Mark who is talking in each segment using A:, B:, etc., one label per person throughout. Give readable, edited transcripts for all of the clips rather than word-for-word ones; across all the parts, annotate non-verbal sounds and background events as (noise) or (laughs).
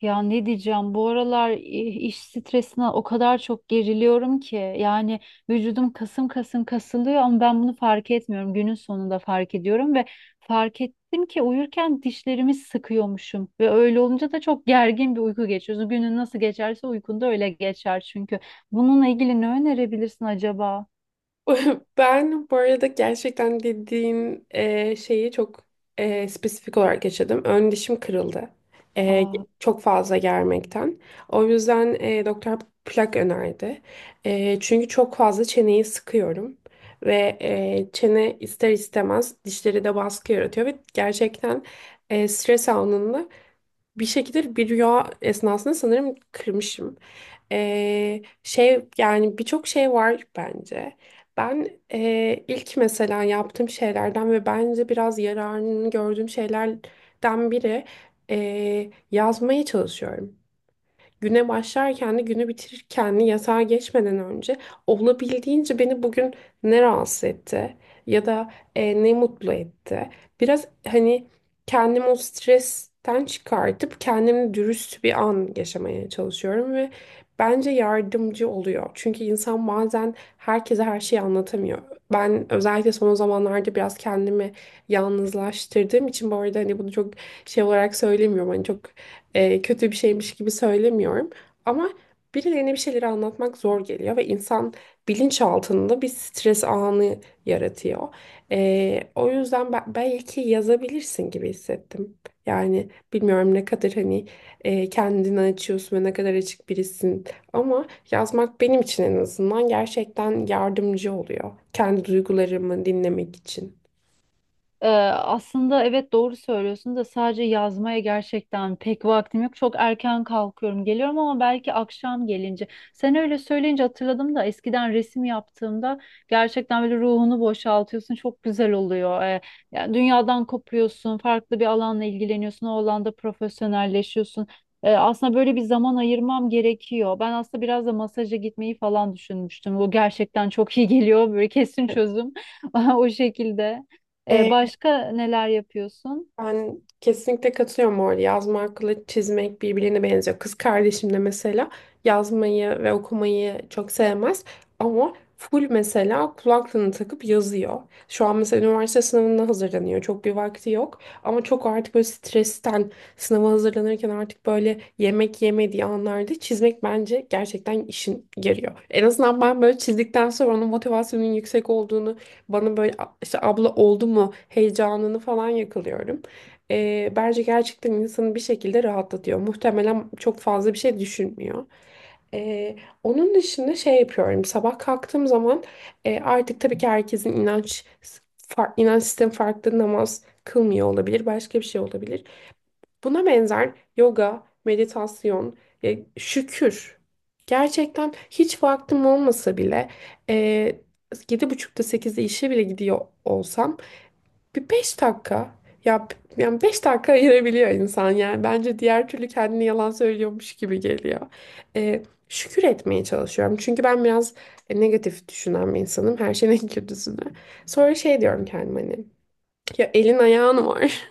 A: Ya ne diyeceğim, bu aralar iş stresine o kadar çok geriliyorum ki yani vücudum kasım kasım kasılıyor ama ben bunu fark etmiyorum. Günün sonunda fark ediyorum ve fark ettim ki uyurken dişlerimi sıkıyormuşum ve öyle olunca da çok gergin bir uyku geçiyorsun. Günün nasıl geçerse uykun da öyle geçer çünkü. Bununla ilgili ne önerebilirsin acaba?
B: (laughs) Ben bu arada gerçekten dediğin şeyi çok spesifik olarak yaşadım. Ön dişim kırıldı. E,
A: Aa.
B: Çok fazla germekten. O yüzden doktor plak önerdi. Çünkü çok fazla çeneyi sıkıyorum. Ve çene ister istemez dişleri de baskı yaratıyor. Ve gerçekten stres anında bir şekilde bir rüya esnasında sanırım kırmışım. Şey yani birçok şey var bence. Ben ilk mesela yaptığım şeylerden ve bence biraz yararını gördüğüm şeylerden biri yazmaya çalışıyorum, güne başlarken de günü bitirirken de, yatağa geçmeden önce olabildiğince beni bugün ne rahatsız etti ya da ne mutlu etti. Biraz hani kendimi o stresten çıkartıp kendimle dürüst bir an yaşamaya çalışıyorum ve bence yardımcı oluyor. Çünkü insan bazen herkese her şeyi anlatamıyor. Ben özellikle son zamanlarda biraz kendimi yalnızlaştırdığım için, bu arada hani bunu çok şey olarak söylemiyorum, hani çok kötü bir şeymiş gibi söylemiyorum. Ama birilerine bir şeyleri anlatmak zor geliyor ve insan bilinçaltında bir stres anı yaratıyor. O yüzden ben, belki yazabilirsin gibi hissettim. Yani bilmiyorum ne kadar hani kendini açıyorsun ve ne kadar açık birisin. Ama yazmak benim için en azından gerçekten yardımcı oluyor. Kendi duygularımı dinlemek için.
A: Ee, Aslında evet, doğru söylüyorsun da sadece yazmaya gerçekten pek vaktim yok. Çok erken kalkıyorum, geliyorum ama belki akşam gelince. Sen öyle söyleyince hatırladım da eskiden resim yaptığımda gerçekten böyle ruhunu boşaltıyorsun. Çok güzel oluyor. Yani dünyadan kopuyorsun, farklı bir alanla ilgileniyorsun, o alanda profesyonelleşiyorsun. Aslında böyle bir zaman ayırmam gerekiyor. Ben aslında biraz da masaja gitmeyi falan düşünmüştüm. Bu gerçekten çok iyi geliyor. Böyle kesin çözüm (laughs) o şekilde.
B: Evet.
A: Başka neler yapıyorsun?
B: Ben kesinlikle katılıyorum orada. Yazmakla çizmek birbirine benziyor. Kız kardeşim de mesela yazmayı ve okumayı çok sevmez ama full mesela kulaklığını takıp yazıyor. Şu an mesela üniversite sınavına hazırlanıyor. Çok bir vakti yok ama çok, artık böyle stresten, sınava hazırlanırken artık böyle yemek yemediği anlarda çizmek bence gerçekten işin yarıyor. En azından ben böyle çizdikten sonra onun motivasyonun yüksek olduğunu bana böyle işte abla oldu mu heyecanını falan yakalıyorum. Bence gerçekten insanı bir şekilde rahatlatıyor. Muhtemelen çok fazla bir şey düşünmüyor. Ee, Onun dışında şey yapıyorum. Sabah kalktığım zaman, artık tabii ki herkesin inanç, inanç sistemi farklı, namaz kılmıyor olabilir. Başka bir şey olabilir. Buna benzer yoga, meditasyon, şükür. Gerçekten hiç vaktim olmasa bile, e, 7:30'da 8'de işe bile gidiyor olsam, bir 5 dakika. Ya yani 5 dakika ayırabiliyor insan yani. Bence diğer türlü kendini yalan söylüyormuş gibi geliyor. Ee, Şükür etmeye çalışıyorum. Çünkü ben biraz negatif düşünen bir insanım. Her şeyin (laughs) en kötüsünü. Sonra şey diyorum kendime hani. Ya elin ayağın var.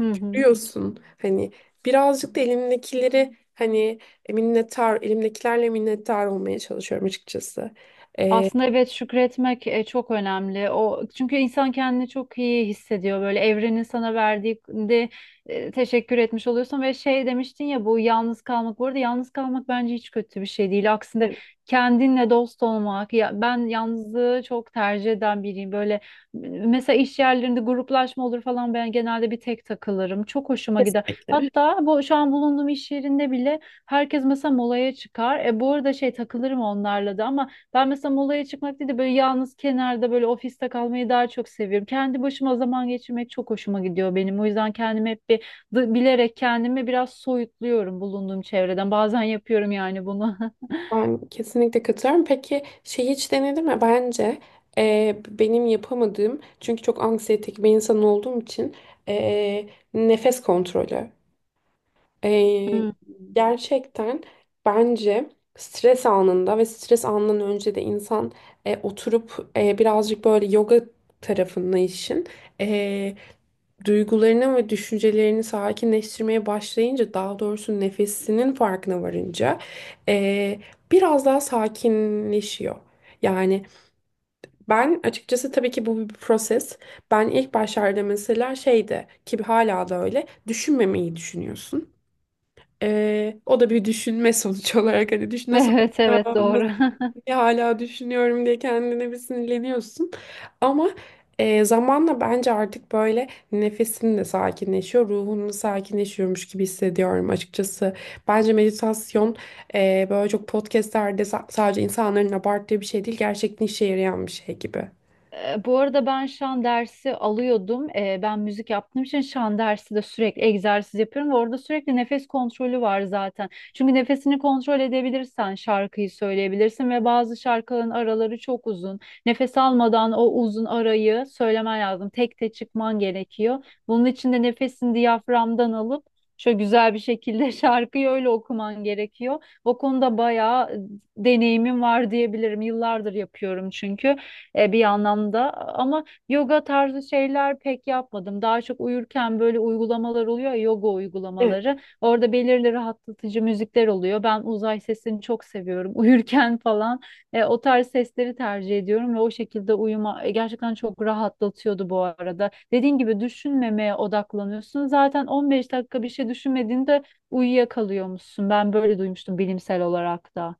A: Hı hı.
B: Görüyorsun. Hani birazcık da elimdekileri hani minnettar, elimdekilerle minnettar olmaya çalışıyorum açıkçası. Ee,
A: Aslında evet, şükretmek çok önemli. O çünkü insan kendini çok iyi hissediyor. Böyle evrenin sana verdiği de teşekkür etmiş oluyorsun ve şey demiştin ya, bu yalnız kalmak. Bu arada yalnız kalmak bence hiç kötü bir şey değil. Aksine
B: evet,
A: kendinle dost olmak. Ya, ben yalnızlığı çok tercih eden biriyim. Böyle mesela iş yerlerinde gruplaşma olur falan, ben genelde bir tek takılırım. Çok hoşuma gider.
B: kesinlikle.
A: Hatta bu şu an bulunduğum iş yerinde bile herkes mesela molaya çıkar. E bu arada şey, takılırım onlarla da ama ben mesela molaya çıkmak değil de böyle yalnız kenarda böyle ofiste kalmayı daha çok seviyorum. Kendi başıma zaman geçirmek çok hoşuma gidiyor benim. O yüzden kendimi hep bir bilerek kendimi biraz soyutluyorum bulunduğum çevreden. Bazen yapıyorum yani bunu. (laughs)
B: Ben kesinlikle katılıyorum. Peki şey hiç denedin mi? Bence benim yapamadığım, çünkü çok anksiyetik bir insan olduğum için, e, nefes kontrolü. E,
A: Hmm.
B: Gerçekten bence stres anında ve stres anından önce de insan oturup birazcık böyle yoga tarafında işin duygularını ve düşüncelerini sakinleştirmeye başlayınca, daha doğrusu nefesinin farkına varınca, eee, biraz daha sakinleşiyor. Yani ben açıkçası, tabii ki bu bir proses. Ben ilk başlarda mesela şeyde ki hala da öyle, düşünmemeyi düşünüyorsun. O da bir düşünme sonuç (laughs) olarak, hani düşün nasıl,
A: Evet evet, doğru. (laughs)
B: ya hala düşünüyorum diye kendine bir sinirleniyorsun. Ama zamanla bence artık böyle nefesin de sakinleşiyor, ruhun da sakinleşiyormuş gibi hissediyorum açıkçası. Bence meditasyon böyle çok podcastlerde sadece insanların abarttığı bir şey değil, gerçekten işe yarayan bir şey gibi.
A: E, bu arada ben şan dersi alıyordum. E, ben müzik yaptığım için şan dersi de sürekli egzersiz yapıyorum ve orada sürekli nefes kontrolü var zaten. Çünkü nefesini kontrol edebilirsen şarkıyı söyleyebilirsin ve bazı şarkıların araları çok uzun. Nefes almadan o uzun arayı söylemen lazım. Tek tek çıkman gerekiyor. Bunun için de nefesini diyaframdan alıp şöyle güzel bir şekilde (laughs) şarkıyı öyle okuman gerekiyor. O konuda bayağı deneyimim var diyebilirim. Yıllardır yapıyorum çünkü bir anlamda ama yoga tarzı şeyler pek yapmadım. Daha çok uyurken böyle uygulamalar oluyor ya, yoga uygulamaları. Orada belirli rahatlatıcı müzikler oluyor. Ben uzay sesini çok seviyorum. (laughs) Uyurken falan o tarz sesleri tercih ediyorum ve o şekilde uyuma gerçekten çok rahatlatıyordu bu arada. Dediğin gibi düşünmemeye odaklanıyorsun. Zaten 15 dakika bir şey düşünmediğinde uyuyakalıyormuşsun. Ben böyle duymuştum bilimsel olarak da.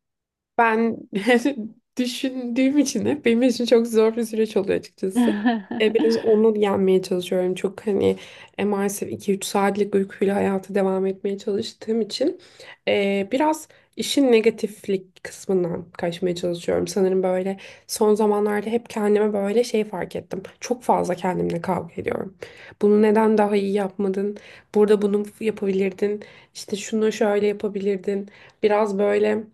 B: Ben (laughs) düşündüğüm için hep benim için çok zor bir süreç oluyor açıkçası.
A: (laughs)
B: Biraz onu yenmeye çalışıyorum. Çok hani maalesef 2-3 saatlik uykuyla hayata devam etmeye çalıştığım için biraz işin negatiflik kısmından kaçmaya çalışıyorum. Sanırım böyle son zamanlarda hep kendime böyle şey fark ettim: çok fazla kendimle kavga ediyorum. Bunu neden daha iyi yapmadın? Burada bunu yapabilirdin. İşte şunu şöyle yapabilirdin. Biraz böyle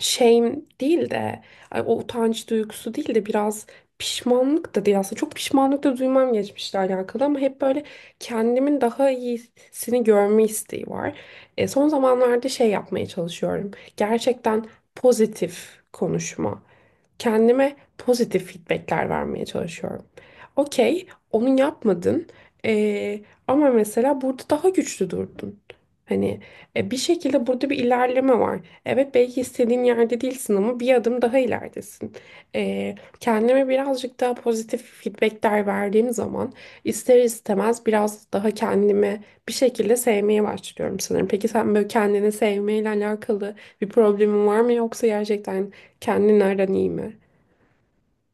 B: shame değil de, ay, o utanç duygusu değil de, biraz pişmanlık da değil, aslında çok pişmanlık da duymam geçmişle alakalı, ama hep böyle kendimin daha iyisini görme isteği var. Son zamanlarda şey yapmaya çalışıyorum. Gerçekten pozitif konuşma, kendime pozitif feedbackler vermeye çalışıyorum. Okey, onu yapmadın, Ee, ama mesela burada daha güçlü durdun. Hani bir şekilde burada bir ilerleme var. Evet, belki istediğin yerde değilsin ama bir adım daha ileridesin. Ee, Kendime birazcık daha pozitif feedbackler verdiğim zaman, ister istemez biraz daha kendimi bir şekilde sevmeye başlıyorum sanırım. Peki sen böyle kendini sevmeyle alakalı bir problemin var mı, yoksa gerçekten, kendin iyi mi?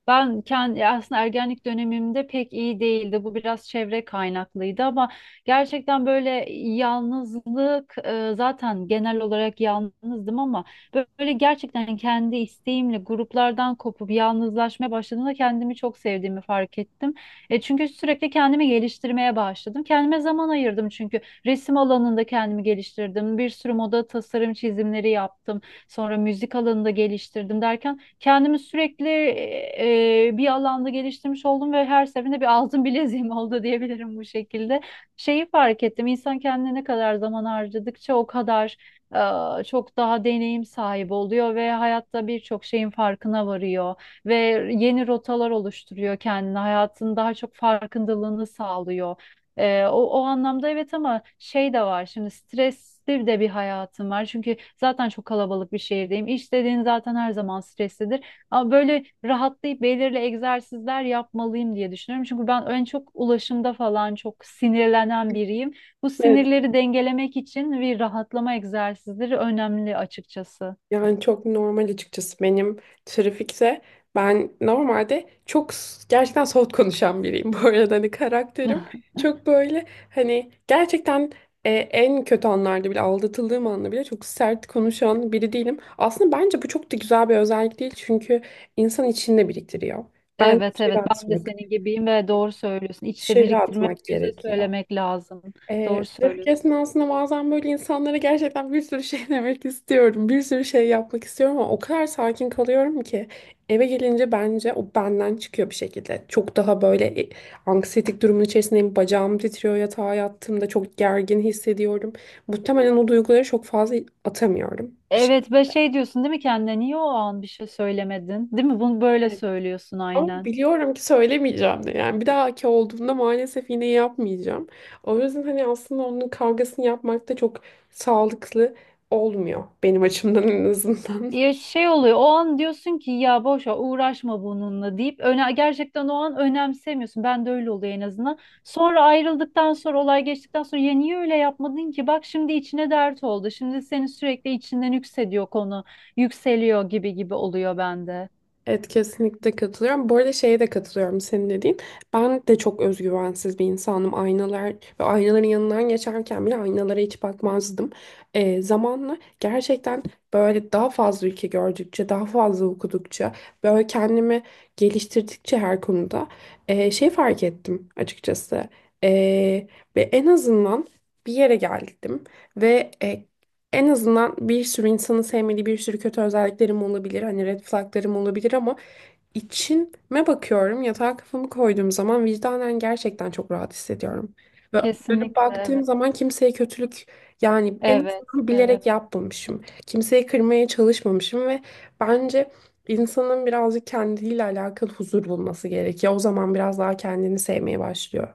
A: Ben kendi aslında ergenlik dönemimde pek iyi değildi. Bu biraz çevre kaynaklıydı ama gerçekten böyle yalnızlık zaten genel olarak yalnızdım ama böyle gerçekten kendi isteğimle gruplardan kopup yalnızlaşmaya başladığımda kendimi çok sevdiğimi fark ettim. E, çünkü sürekli kendimi geliştirmeye başladım. Kendime zaman ayırdım, çünkü resim alanında kendimi geliştirdim. Bir sürü moda tasarım çizimleri yaptım. Sonra müzik alanında geliştirdim derken kendimi sürekli bir alanda geliştirmiş oldum ve her seferinde bir altın bileziğim (laughs) oldu diyebilirim bu şekilde. Şeyi fark ettim, insan kendine ne kadar zaman harcadıkça o kadar çok daha deneyim sahibi oluyor ve hayatta birçok şeyin farkına varıyor ve yeni rotalar oluşturuyor kendine, hayatın daha çok farkındalığını sağlıyor. O anlamda evet, ama şey de var, şimdi stresli de bir hayatım var. Çünkü zaten çok kalabalık bir şehirdeyim. İş dediğin zaten her zaman streslidir. Ama böyle rahatlayıp belirli egzersizler yapmalıyım diye düşünüyorum. Çünkü ben en çok ulaşımda falan çok sinirlenen biriyim. Bu
B: Evet.
A: sinirleri dengelemek için bir rahatlama egzersizleri önemli açıkçası.
B: Yani çok normal açıkçası. Benim trafikte, ben normalde çok gerçekten soğut konuşan biriyim (laughs) bu arada, hani karakterim
A: (laughs)
B: çok böyle, hani gerçekten, en kötü anlarda bile, aldatıldığım anda bile çok sert konuşan biri değilim. Aslında bence bu çok da güzel bir özellik değil, çünkü insan içinde biriktiriyor. Bence
A: Evet evet,
B: dışarı
A: ben de
B: atmak,
A: senin gibiyim ve doğru söylüyorsun. İçte
B: dışarı
A: biriktirmek,
B: atmak
A: yüze
B: gerekiyor.
A: söylemek lazım. Doğru
B: Trafik
A: söylüyorsun.
B: esnasında bazen böyle insanlara gerçekten bir sürü şey (laughs) demek istiyorum. Bir sürü şey yapmak istiyorum ama o kadar sakin kalıyorum ki, eve gelince bence o benden çıkıyor bir şekilde. Çok daha böyle anksiyetik durumun içerisindeyim. Bacağım titriyor, yatağa yattığımda çok gergin hissediyorum. Muhtemelen o duyguları çok fazla atamıyorum. Bir
A: Evet, ve şey diyorsun değil mi, kendine niye o an bir şey söylemedin? Değil mi? Bunu böyle
B: şey.
A: söylüyorsun
B: Ama
A: aynen.
B: biliyorum ki söylemeyeceğim de. Yani bir dahaki olduğunda maalesef yine yapmayacağım. O yüzden hani aslında onun kavgasını yapmak da çok sağlıklı olmuyor. Benim açımdan en azından.
A: Ya
B: (laughs)
A: şey oluyor, o an diyorsun ki ya boş ver, uğraşma bununla deyip öne gerçekten o an önemsemiyorsun. Ben de öyle oluyor en azından. Sonra ayrıldıktan sonra, olay geçtikten sonra ya niye öyle yapmadın ki? Bak şimdi içine dert oldu. Şimdi seni sürekli içinden yükseliyor konu. Yükseliyor gibi gibi oluyor bende.
B: Evet, kesinlikle katılıyorum. Bu arada şeye de katılıyorum senin dediğin. Ben de çok özgüvensiz bir insanım. Aynalar ve aynaların yanından geçerken bile aynalara hiç bakmazdım. Zamanla gerçekten böyle daha fazla ülke gördükçe, daha fazla okudukça, böyle kendimi geliştirdikçe her konuda, şey fark ettim açıkçası. Ee, Ve en azından bir yere geldim ve en azından, bir sürü insanın sevmediği bir sürü kötü özelliklerim olabilir, hani red flaglarım olabilir, ama içime bakıyorum. Yatağa kafamı koyduğum zaman vicdanen gerçekten çok rahat hissediyorum. Ve dönüp
A: Kesinlikle
B: baktığım
A: evet.
B: zaman kimseye kötülük, yani en
A: Evet.
B: azından
A: Evet.
B: bilerek yapmamışım. Kimseyi kırmaya çalışmamışım ve bence insanın birazcık kendiyle alakalı huzur bulması gerekiyor. O zaman biraz daha kendini sevmeye başlıyor.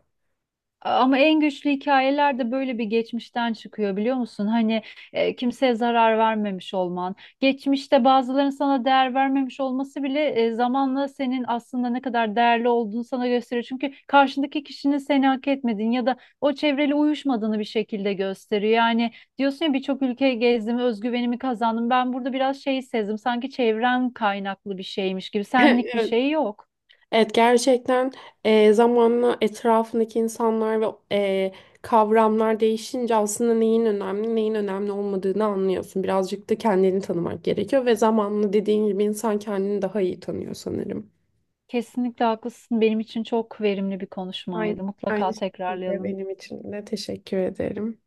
A: Ama en güçlü hikayeler de böyle bir geçmişten çıkıyor, biliyor musun? Hani kimseye zarar vermemiş olman, geçmişte bazıların sana değer vermemiş olması bile zamanla senin aslında ne kadar değerli olduğunu sana gösteriyor. Çünkü karşındaki kişinin seni hak etmediğini ya da o çevreyle uyuşmadığını bir şekilde gösteriyor. Yani diyorsun ya, birçok ülke gezdim, özgüvenimi kazandım. Ben burada biraz şey sezdim, sanki çevren kaynaklı bir şeymiş gibi,
B: (laughs)
A: senlik bir
B: Evet,
A: şey yok.
B: evet, gerçekten zamanla etrafındaki insanlar ve e, kavramlar değişince aslında neyin önemli, neyin önemli olmadığını anlıyorsun. Birazcık da kendini tanımak gerekiyor ve zamanla dediğin gibi insan kendini daha iyi tanıyor sanırım.
A: Kesinlikle haklısın. Benim için çok verimli bir
B: Aynı,
A: konuşmaydı.
B: aynı
A: Mutlaka
B: şekilde
A: tekrarlayalım.
B: benim için de teşekkür ederim.